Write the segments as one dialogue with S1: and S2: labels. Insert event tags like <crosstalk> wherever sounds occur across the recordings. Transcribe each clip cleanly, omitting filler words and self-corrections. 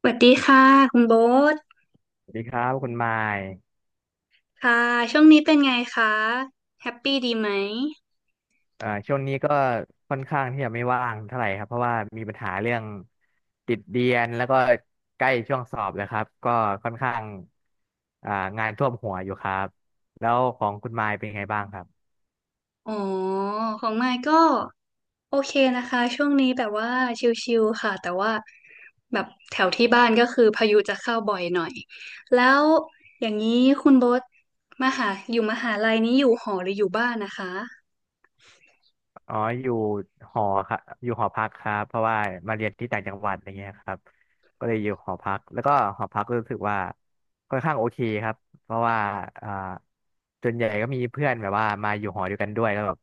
S1: สวัสดีค่ะคุณโบ๊ท
S2: สวัสดีครับคุณไมาย
S1: ค่ะช่วงนี้เป็นไงคะแฮปปี้ดีไหม
S2: ช่วงนี้ก็ค่อนข้างที่จะไม่ว่างเท่าไหร่ครับเพราะว่ามีปัญหาเรื่องติดเรียนแล้วก็ใกล้ช่วงสอบแล้วครับก็ค่อนข้างอ่างานท่วมหัวอยู่ครับแล้วของคุณไมายเป็นไงบ้างครับ
S1: อ๋อของมายก็โอเคนะคะช่วงนี้แบบว่าชิลๆค่ะแต่ว่าแบบแถวที่บ้านก็คือพายุจะเข้าบ่อยหน่อยแล้วอย่างนี้คุณโบ๊ทมหาลัยนี้อยู่หอหรืออยู่บ้านนะคะ
S2: อ๋ออยู่หอครับอยู่หอพักครับเพราะว่ามาเรียนที่ต่างจังหวัดอะไรเงี้ยครับก็เลยอยู่หอพักแล้วก็หอพักรู้สึกว่าค่อนข้างโอเคครับเพราะว่าอ่าส่วนใหญ่ก็มีเพื่อนแบบว่ามาอยู่หอเด้วกันด้วยแล้วแบบ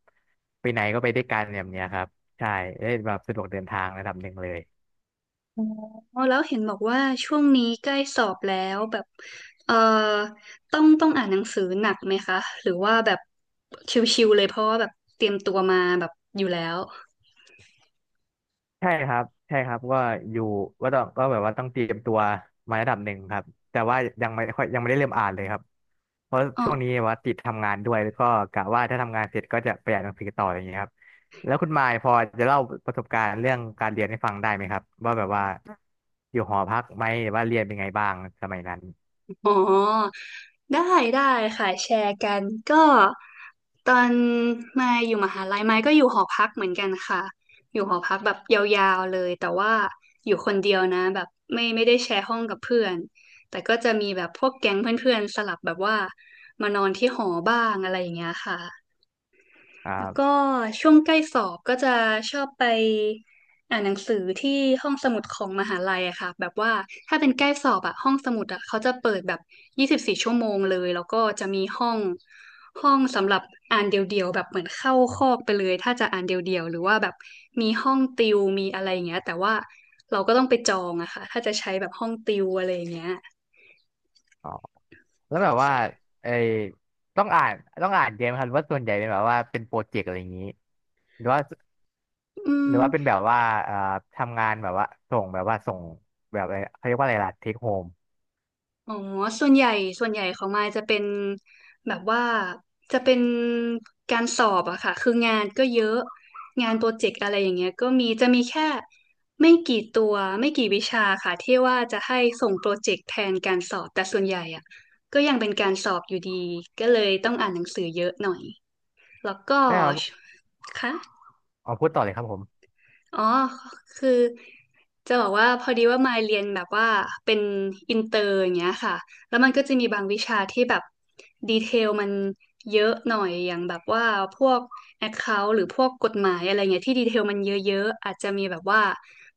S2: ไปไหนก็ไปด้วยกันแบบเนี้ยครับใช่ได้แบบสะดวกเดินทางระดับหนึ่งเลย
S1: อ๋อแล้วเห็นบอกว่าช่วงนี้ใกล้สอบแล้วแบบเอ่อต้องอ่านหนังสือหนักไหมคะหรือว่าแบบชิวๆเลยเพราะว่าแบบเตรียมตัวมาแบบอยู่แล้ว
S2: ใช่ครับใช่ครับก็อยู่ว่าต้องก็แบบว่าต้องเตรียมตัวมาระดับหนึ่งครับแต่ว่ายังไม่ค่อยยังไม่ได้เริ่มอ่านเลยครับเพราะ
S1: อ๋อ
S2: ช่วงนี้ว่าติดทำงานด้วยแล้วก็กะว่าถ้าทำงานเสร็จก็จะไปอ่านหนังสือต่ออย่างเงี้ยครับแล้วคุณมายพอจะเล่าประสบการณ์เรื่องการเรียนให้ฟังได้ไหมครับว่าแบบว่าอยู่หอพักไหมหรือว่าเรียนเป็นไงบ้างสมัยนั้น
S1: อ๋อได้ได้ค่ะแชร์กันก็ตอนมายอยู่มหาลัยมายก็อยู่หอพักเหมือนกันค่ะอยู่หอพักแบบยาวๆเลยแต่ว่าอยู่คนเดียวนะแบบไม่ได้แชร์ห้องกับเพื่อนแต่ก็จะมีแบบพวกแก๊งเพื่อนๆสลับแบบว่ามานอนที่หอบ้างอะไรอย่างเงี้ยค่ะ
S2: ครั
S1: แล้วก็
S2: บ
S1: ช่วงใกล้สอบก็จะชอบไปอ่านหนังสือที่ห้องสมุดของมหาลัยอะค่ะแบบว่าถ้าเป็นใกล้สอบอะห้องสมุดอะเขาจะเปิดแบบ24 ชั่วโมงเลยแล้วก็จะมีห้องสำหรับอ่านเดี่ยวๆแบบเหมือนเข้าคอกไปเลยถ้าจะอ่านเดี่ยวๆหรือว่าแบบมีห้องติวมีอะไรอย่างเงี้ยแต่ว่าเราก็ต้องไปจองอะค่ะถ้าจะใช้แบบห้องติวอะไรอย่างเงี้ย
S2: อ๋อแล้วแบบว่าไอ้ต้องอ่านต้องอ่านเยอะไหมครับหรือว่าส่วนใหญ่เป็นแบบว่าเป็นโปรเจกต์อะไรอย่างนี้หรือว่า
S1: อื
S2: หรือว่าเป็นแบ
S1: ม
S2: บว่าเอ่อทำงานแบบว่าส่งแบบอะไรเขาเรียกว่าอะไรล่ะเทคโฮม
S1: อ๋อ ส่วนใหญ่ส่วนใหญ่ของมายจะเป็นแบบว่าจะเป็นการสอบอะค่ะคืองานก็เยอะงานโปรเจกต์อะไรอย่างเงี้ยก็มีจะมีแค่ไม่กี่ตัว ไม่กี่วิชาค่ะที่ว่าจะให้ส่งโปรเจกต์แทนการสอบแต่ส่วนใหญ่อะก็ยังเป็นการสอบอยู่ดีก็เลยต้องอ่านหนังสือเยอะหน่อยแล้วก็
S2: แล้ว
S1: ค่ะ
S2: เอาพูดต่อเลยครับผม
S1: อ๋อคือจะบอกว่าพอดีว่ามาเรียนแบบว่าเป็นอินเตอร์อย่างเงี้ยค่ะแล้วมันก็จะมีบางวิชาที่แบบดีเทลมันเยอะหน่อยอย่างแบบว่าพวก Account หรือพวกกฎหมายอะไรเงี้ยที่ดีเทลมันเยอะๆอาจจะมีแบบว่า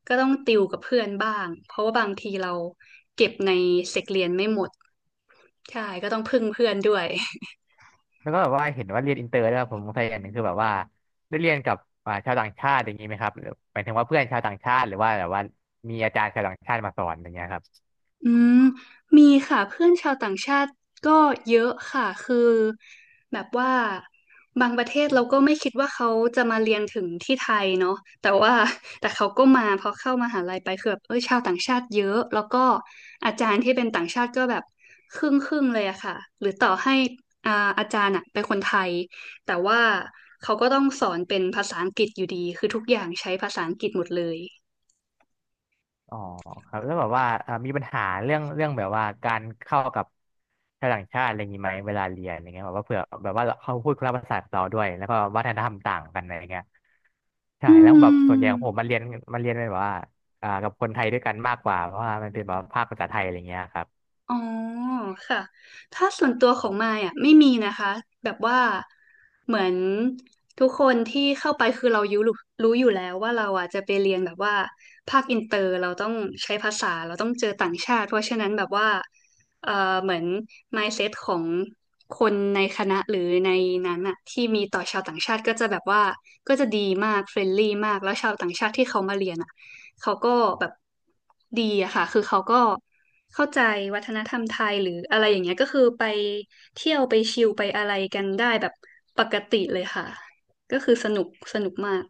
S1: ก็ต้องติวกับเพื่อนบ้างเพราะว่าบางทีเราเก็บในเซกเรียนไม่หมดใช่ก็ต้องพึ่งเพื่อนด้วย
S2: แล้วก็แบบว่าเห็นว่าเรียนอินเตอร์แล้วยผมสงสัยอย่างหนึ่งคือแบบว่าได้เรียนกับชาวต่างชาติอย่างนี้ไหมครับหรือหมายถึงว่าเพื่อนชาวต่างชาติหรือว่าแบบว่ามีอาจารย์ชาวต่างชาติมาสอนอย่างเงี้ยครับ
S1: อืมมีค่ะเพื่อนชาวต่างชาติก็เยอะค่ะคือแบบว่าบางประเทศเราก็ไม่คิดว่าเขาจะมาเรียนถึงที่ไทยเนาะแต่ว่าแต่เขาก็มาพอเข้ามหาลัยไปคือแบบเออชาวต่างชาติเยอะแล้วก็อาจารย์ที่เป็นต่างชาติก็แบบครึ่งครึ่งเลยอะค่ะหรือต่อให้อ่าอาจารย์อะเป็นคนไทยแต่ว่าเขาก็ต้องสอนเป็นภาษาอังกฤษอยู่ดีคือทุกอย่างใช้ภาษาอังกฤษหมดเลย
S2: อ๋อครับแล้วแบบว่ามีปัญหาเรื่องแบบว่าการเข้ากับชาวต่างชาติอะไรอย่างนี้ไหมเวลาเรียนอย่างเงี้ยแบบว่าเผื่อแบบว่าเขาพูดคนละภาษากับเราด้วยแล้วก็วัฒนธรรมต่างกันอะไรเงี้ยใช่
S1: อื
S2: แล้วแบบส่วนให
S1: ม
S2: ญ่ของผมมันเรียนแบบว่ากับคนไทยด้วยกันมากกว่าเพราะว่ามันเป็นแบบว่าภาคภาษาไทยอะไรเงี้ยครับ
S1: อ๋อค่ะถ้าส่วนตัวของมายอ่ะไม่มีนะคะแบบว่าเหมือนทุกคนที่เข้าไปคือเรารู้อยู่แล้วว่าเราอ่ะจะไปเรียนแบบว่าภาคอินเตอร์เราต้องใช้ภาษาเราต้องเจอต่างชาติเพราะฉะนั้นแบบว่าเอ่อเหมือน mindset ของคนในคณะหรือในนั้นอ่ะที่มีต่อชาวต่างชาติก็จะแบบว่าก็จะดีมากเฟรนลี่มากแล้วชาวต่างชาติที่เขามาเรียนอ่ะ เขาก็แบบดีอะค่ะ คือเขาก็เข้าใจวัฒนธรรมไทยหรืออะไรอย่างเงี้ยก็คือไปเที่ยวไปชิลไปอะไรกันได้แบบปกติเลยค่ะ ก็คือสนุกมาก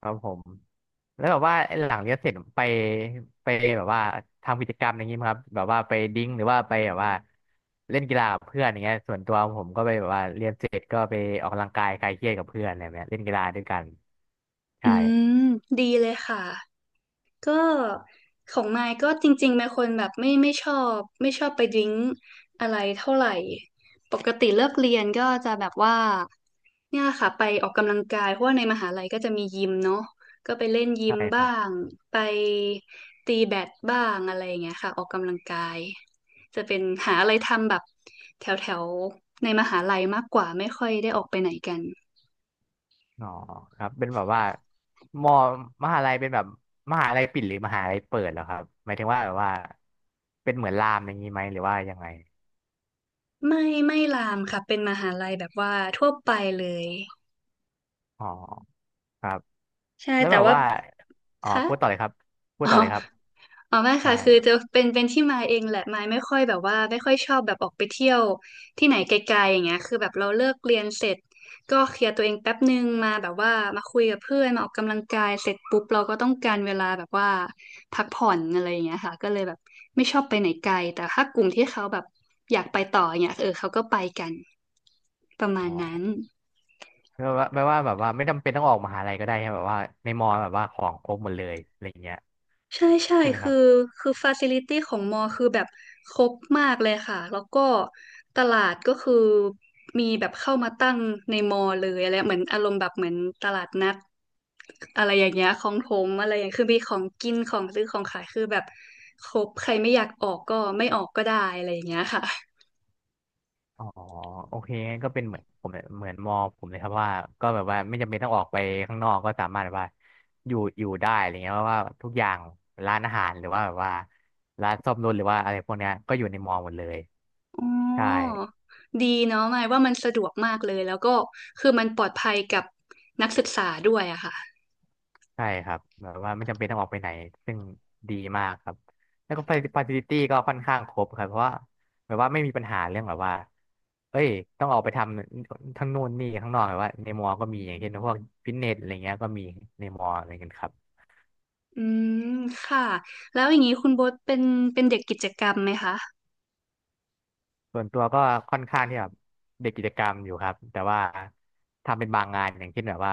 S2: ครับผมแล้วแบบว่าหลังเรียนเสร็จไปแบบว่าทำกิจกรรมอย่างนี้ไหมครับแบบว่าไปดิ้งหรือว่าไปแบบว่าเล่นกีฬากับเพื่อนอย่างเงี้ยส่วนตัวผมก็ไปแบบว่าเรียนเสร็จก็ไปออกกำลังกายคลายเครียดกับเพื่อนอะไรแบบเนี้ยเล่นกีฬาด้วยกัน
S1: อื
S2: ใช่
S1: มดีเลยค่ะ ก็ของมายก็จริงๆเป็นคนแบบไม่ชอบไม่ชอบไปดริ้งอะไรเท่าไหร่ปกติเลิกเรียนก็จะแบบว่าเนี่ยค่ะไปออกกำลังกายเพราะว่าในมหาลัยก็จะมียิมเนาะก็ไปเล่นยิ
S2: ใช่
S1: ม
S2: ค
S1: บ้า
S2: รับ
S1: งไปตีแบดบ้างอะไรอย่างเงี้ยค่ะออกกำลังกายจะเป็นหาอะไรทำแบบแถวแถวในมหาลัยมากกว่าไม่ค่อยได้ออกไปไหนกัน
S2: อ๋อครับเป็นแบบว่ามอมหาลัยเป็นแบบมหาลัยปิดหรือมหาลัยเปิดเหรอครับหมายถึงว่าแบบว่าเป็นเหมือนรามอย่างนี้ไหมหรือว่ายังไง
S1: ไม่ลามค่ะเป็นมหาลัยแบบว่าทั่วไปเลย
S2: อ๋อครับ
S1: ใช่
S2: แล้ว
S1: แต่
S2: แบบ
S1: ว่า
S2: ว่าอ๋อ
S1: คะ
S2: พูดต่อเลยครับพูด
S1: อ๋
S2: ต่อเลยครับ
S1: ออ๋อไม่
S2: ใช่
S1: ค่ะคือจะเป็นที่มาเองแหละมายไม่ค่อยแบบว่าไม่ค่อยชอบแบบออกไปเที่ยวที่ไหนไกลๆอย่างเงี้ยคือแบบเราเลิกเรียนเสร็จก็เคลียร์ตัวเองแป๊บนึงมาแบบว่ามาคุยกับเพื่อนมาออกกำลังกายเสร็จปุ๊บเราก็ต้องการเวลาแบบว่าพักผ่อนอะไรอย่างเงี้ยค่ะก็เลยแบบไม่ชอบไปไหนไกลแต่ถ้ากลุ่มที่เขาแบบอยากไปต่ออย่างเงี้ยเออเขาก็ไปกันประมา
S2: อ๋
S1: ณ
S2: อ
S1: นั้น
S2: แปลว่าแบบว่าไม่จำเป็นต้องออกมหาลัยก็ได้ใช่ไหมแบบว่าในมอแบบว่าของครบหมดเลยอะไรอย่างเงี้ย
S1: ใช่
S2: ใช่ไหมค
S1: คือ
S2: รับ
S1: คือฟาซิลิตี้ของมอคือแบบครบมากเลยค่ะแล้วก็ตลาดก็คือมีแบบเข้ามาตั้งในมอเลยอะไรเหมือนอารมณ์แบบเหมือนตลาดนัดอะไรอย่างเงี้ยของถมอะไรอย่างคือมีของกินของซื้อของขายคือแบบครบใครไม่อยากออกก็ไม่ออกก็ได้อะไรอย่างเงี้ยค่ะ
S2: อ๋อโอเคงั้นก็เป็นเหมือนผมเลยเหมือนมอผมเลยครับว่าก็แบบว่าไม่จำเป็นต้องออกไปข้างนอกก็สามารถแบบว่าอยู่ได้อะไรเงี้ยเพราะว่าทุกอย่างร้านอาหารหรือว่าแบบว่าร้านซ่อมรถหรือว่าอะไรพวกเนี้ยก็อยู่ในมอหมดเลย
S1: อ๋อ
S2: ใช่
S1: ดีเนาะหมายว่ามันสะดวกมากเลยแล้วก็คือมันปลอดภัยกับนักศึกษาด้วยอะค่ะ
S2: ใช่ครับแบบว่าไม่จำเป็นต้องออกไปไหนซึ่งดีมากครับแล้วก็ฟ a c i ิ i t y ก็ค่อนข้างครบครับเพราะว่าแบบว่าไม่มีปัญหาเรื่องแบบว่าเอ้ยต้องออกไปทำทั้งนู่นนี่ข้างนอกแบบว่าในมอก็มีอย่างเช่นพวกฟิตเนสอะไรเงี้ยก็มีในมออะไรเงี้ยครับ
S1: อืมค่ะแล้วอย่างนี้คุณโบ๊ทเป็นเป็นเด็กกิจกรรมไหมคะ
S2: ส่วนตัวก็ค่อนข้างที่แบบเด็กกิจกรรมอยู่ครับแต่ว่าทำเป็นบางงานอย่างเช่นแบบว่า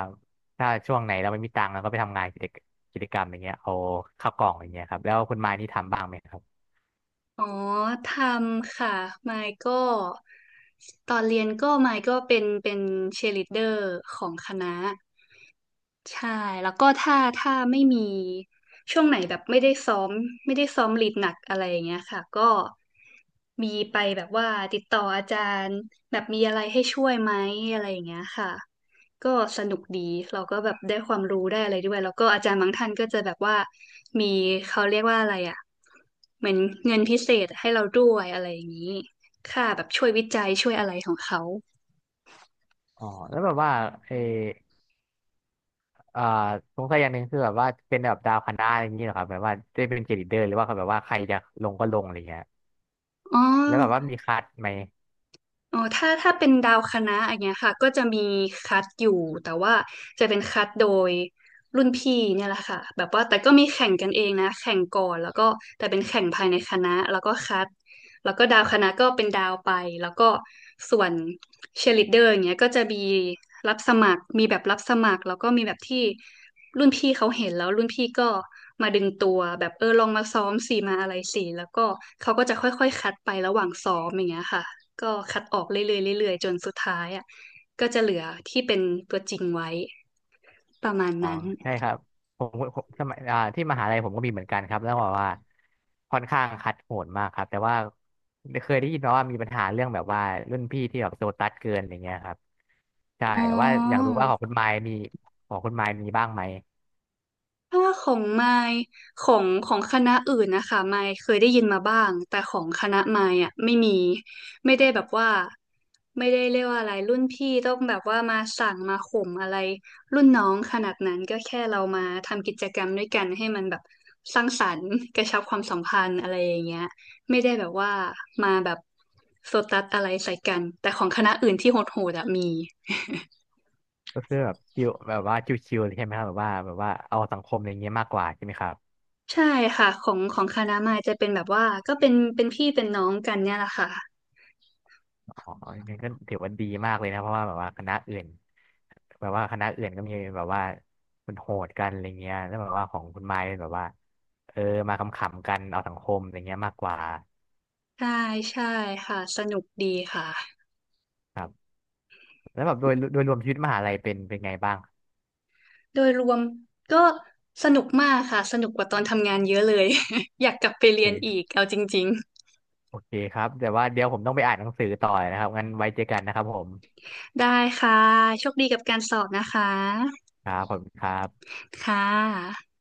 S2: ถ้าช่วงไหนเราไม่มีตังค์เราก็ไปทำงานกิจกรรมอย่างเงี้ยเอาข้าวกล่องอย่างเงี้ยครับแล้วคุณมายนี่ทำบ้างไหมครับ
S1: อ๋อทำค่ะมายก็ตอนเรียนก็มายก็เป็นเชียร์ลีดเดอร์ของคณะ ใช่แล้วก็ถ้าไม่มีช่วงไหนแบบไม่ได้ซ้อมลีดหนักอะไรอย่างเงี้ยค่ะก็มีไปแบบว่าติดต่ออาจารย์แบบมีอะไรให้ช่วยไหมอะไรอย่างเงี้ยค่ะก็สนุกดีเราก็แบบได้ความรู้ได้อะไรด้วยแล้วก็อาจารย์บางท่านก็จะแบบว่ามีเขาเรียกว่าอะไรอ่ะเหมือนเงินพิเศษให้เราด้วยอะไรอย่างนี้ค่าแบบช่วยวิจัยช่วยอะไรของเขา
S2: อ๋อแล้วแบบว่าเออ เอ่อสงสัยอย่างหนึ่งคือแบบว่าเป็นแบบดาวคณะอะไรอย่างนี้เหรอครับแบบว่าได้เป็นเกรดเดอร์หรือว่าเขาแบบว่าใครจะลงก็ลงอะไรเงี้ย
S1: อ๋อ
S2: แล้วแบบว่ามีคัดไหม
S1: อ๋อถ้าเป็นดาวคณะอย่างเงี้ยค่ะก็จะมีคัดอยู่แต่ว่าจะเป็นคัดโดยรุ่นพี่เนี่ยแหละค่ะแบบว่าแต่ก็มีแข่งกันเองนะแข่งก่อนแล้วก็แต่เป็นแข่งภายในคณะแล้วก็คัดแล้วก็ดาวคณะก็เป็นดาวไปแล้วก็ส่วนเชียร์ลีดเดอร์อย่างเงี้ยก็จะมีรับสมัครมีแบบรับสมัครแล้วก็มีแบบที่ รุ่นพี่เขาเห็นแล้วรุ่นพี่ก็มาดึงตัวแบบเออลองมาซ้อมสิมาอะไรสิแล้วก็เขาก็จะค่อยๆคัดไประหว่างซ้อมอย่างเงี้ยค่ะก็คัดออกเรื่อยๆเรื่อยๆจนสุดท้ายอ่ะก็จะเหลือที่เป็นตัวจริงไว้ประมาณ
S2: อ๋อ
S1: นั้น
S2: ใช่ครับผมผมสมัยที่มหาลัยผมก็มีเหมือนกันครับแล้วบอกว่าค่อนข้างคัดโหดมากครับแต่ว่าเคยได้ยินมาว่ามีปัญหาเรื่องแบบว่ารุ่นพี่ที่แบบโซตัสเกินอะไรเงี้ยครับใช่
S1: อ๋อ
S2: แต่ว่าอยากรู้ว่าของคุณไมค์มีบ้างไหม
S1: ถ้าของไมค์ของของคณะอื่นนะคะไมค์เคยได้ยินมาบ้างแต่ของคณะไมค์อ่ะไม่มีไม่ได้แบบว่าไม่ได้เรียกว่าอะไรรุ่นพี่ต้องแบบว่ามาสั่งมาข่มอะไรรุ่นน้องขนาดนั้นก็แค่เรามาทำกิจกรรมด้วยกันให้มันแบบสร้างสรรค์กระชับความสัมพันธ์อะไรอย่างเงี้ยไม่ได้แบบว่ามาแบบโซตัสอะไรใส่กันแต่ของคณะอื่นที่โหดๆอะมี
S2: ก็คือแบบชิวแบบว่าชิวๆเลยใช่ไหมครับแบบว่าเอาสังคมอะไรเงี้ยมากกว่าใช่ไหมครับ
S1: ใช่ค่ะของของคณะมายจะเป็นแบบว่าก็เป็นพี่เป็นน้องกันเนี่ยแหละค่ะ
S2: อ๋องั้นก็ถือว่าดีมากเลยนะ เพราะว่าแบบว่าคณะอื่นก็มีแบบว่ามันโหดกันอะไรเงี้ยแล้วแบบว่าของคุณไม้เป็นแบบว่าเออมาขำๆกันเอาสังคมอะไรเงี้ยมากกว่า
S1: ใช่ใช่ค่ะสนุกดีค่ะ
S2: แล้วแบบโดยรวมชีวิตมหาลัยเป็นไงบ้าง
S1: โดยรวมก็สนุกมากค่ะสนุกกว่าตอนทำงานเยอะเลย <laughs> อยากกลับไป
S2: โอ
S1: เรี
S2: เ
S1: ยนอีก
S2: ค
S1: เอาจริง
S2: โอเคครับแต่ว่าเดี๋ยวผมต้องไปอ่านหนังสือต่อนะครับงั้นไว้เจอกันนะครับผม
S1: ๆได้ค่ะโชคดีกับการสอบนะคะ
S2: ครับผมคณครับ
S1: ค่ะ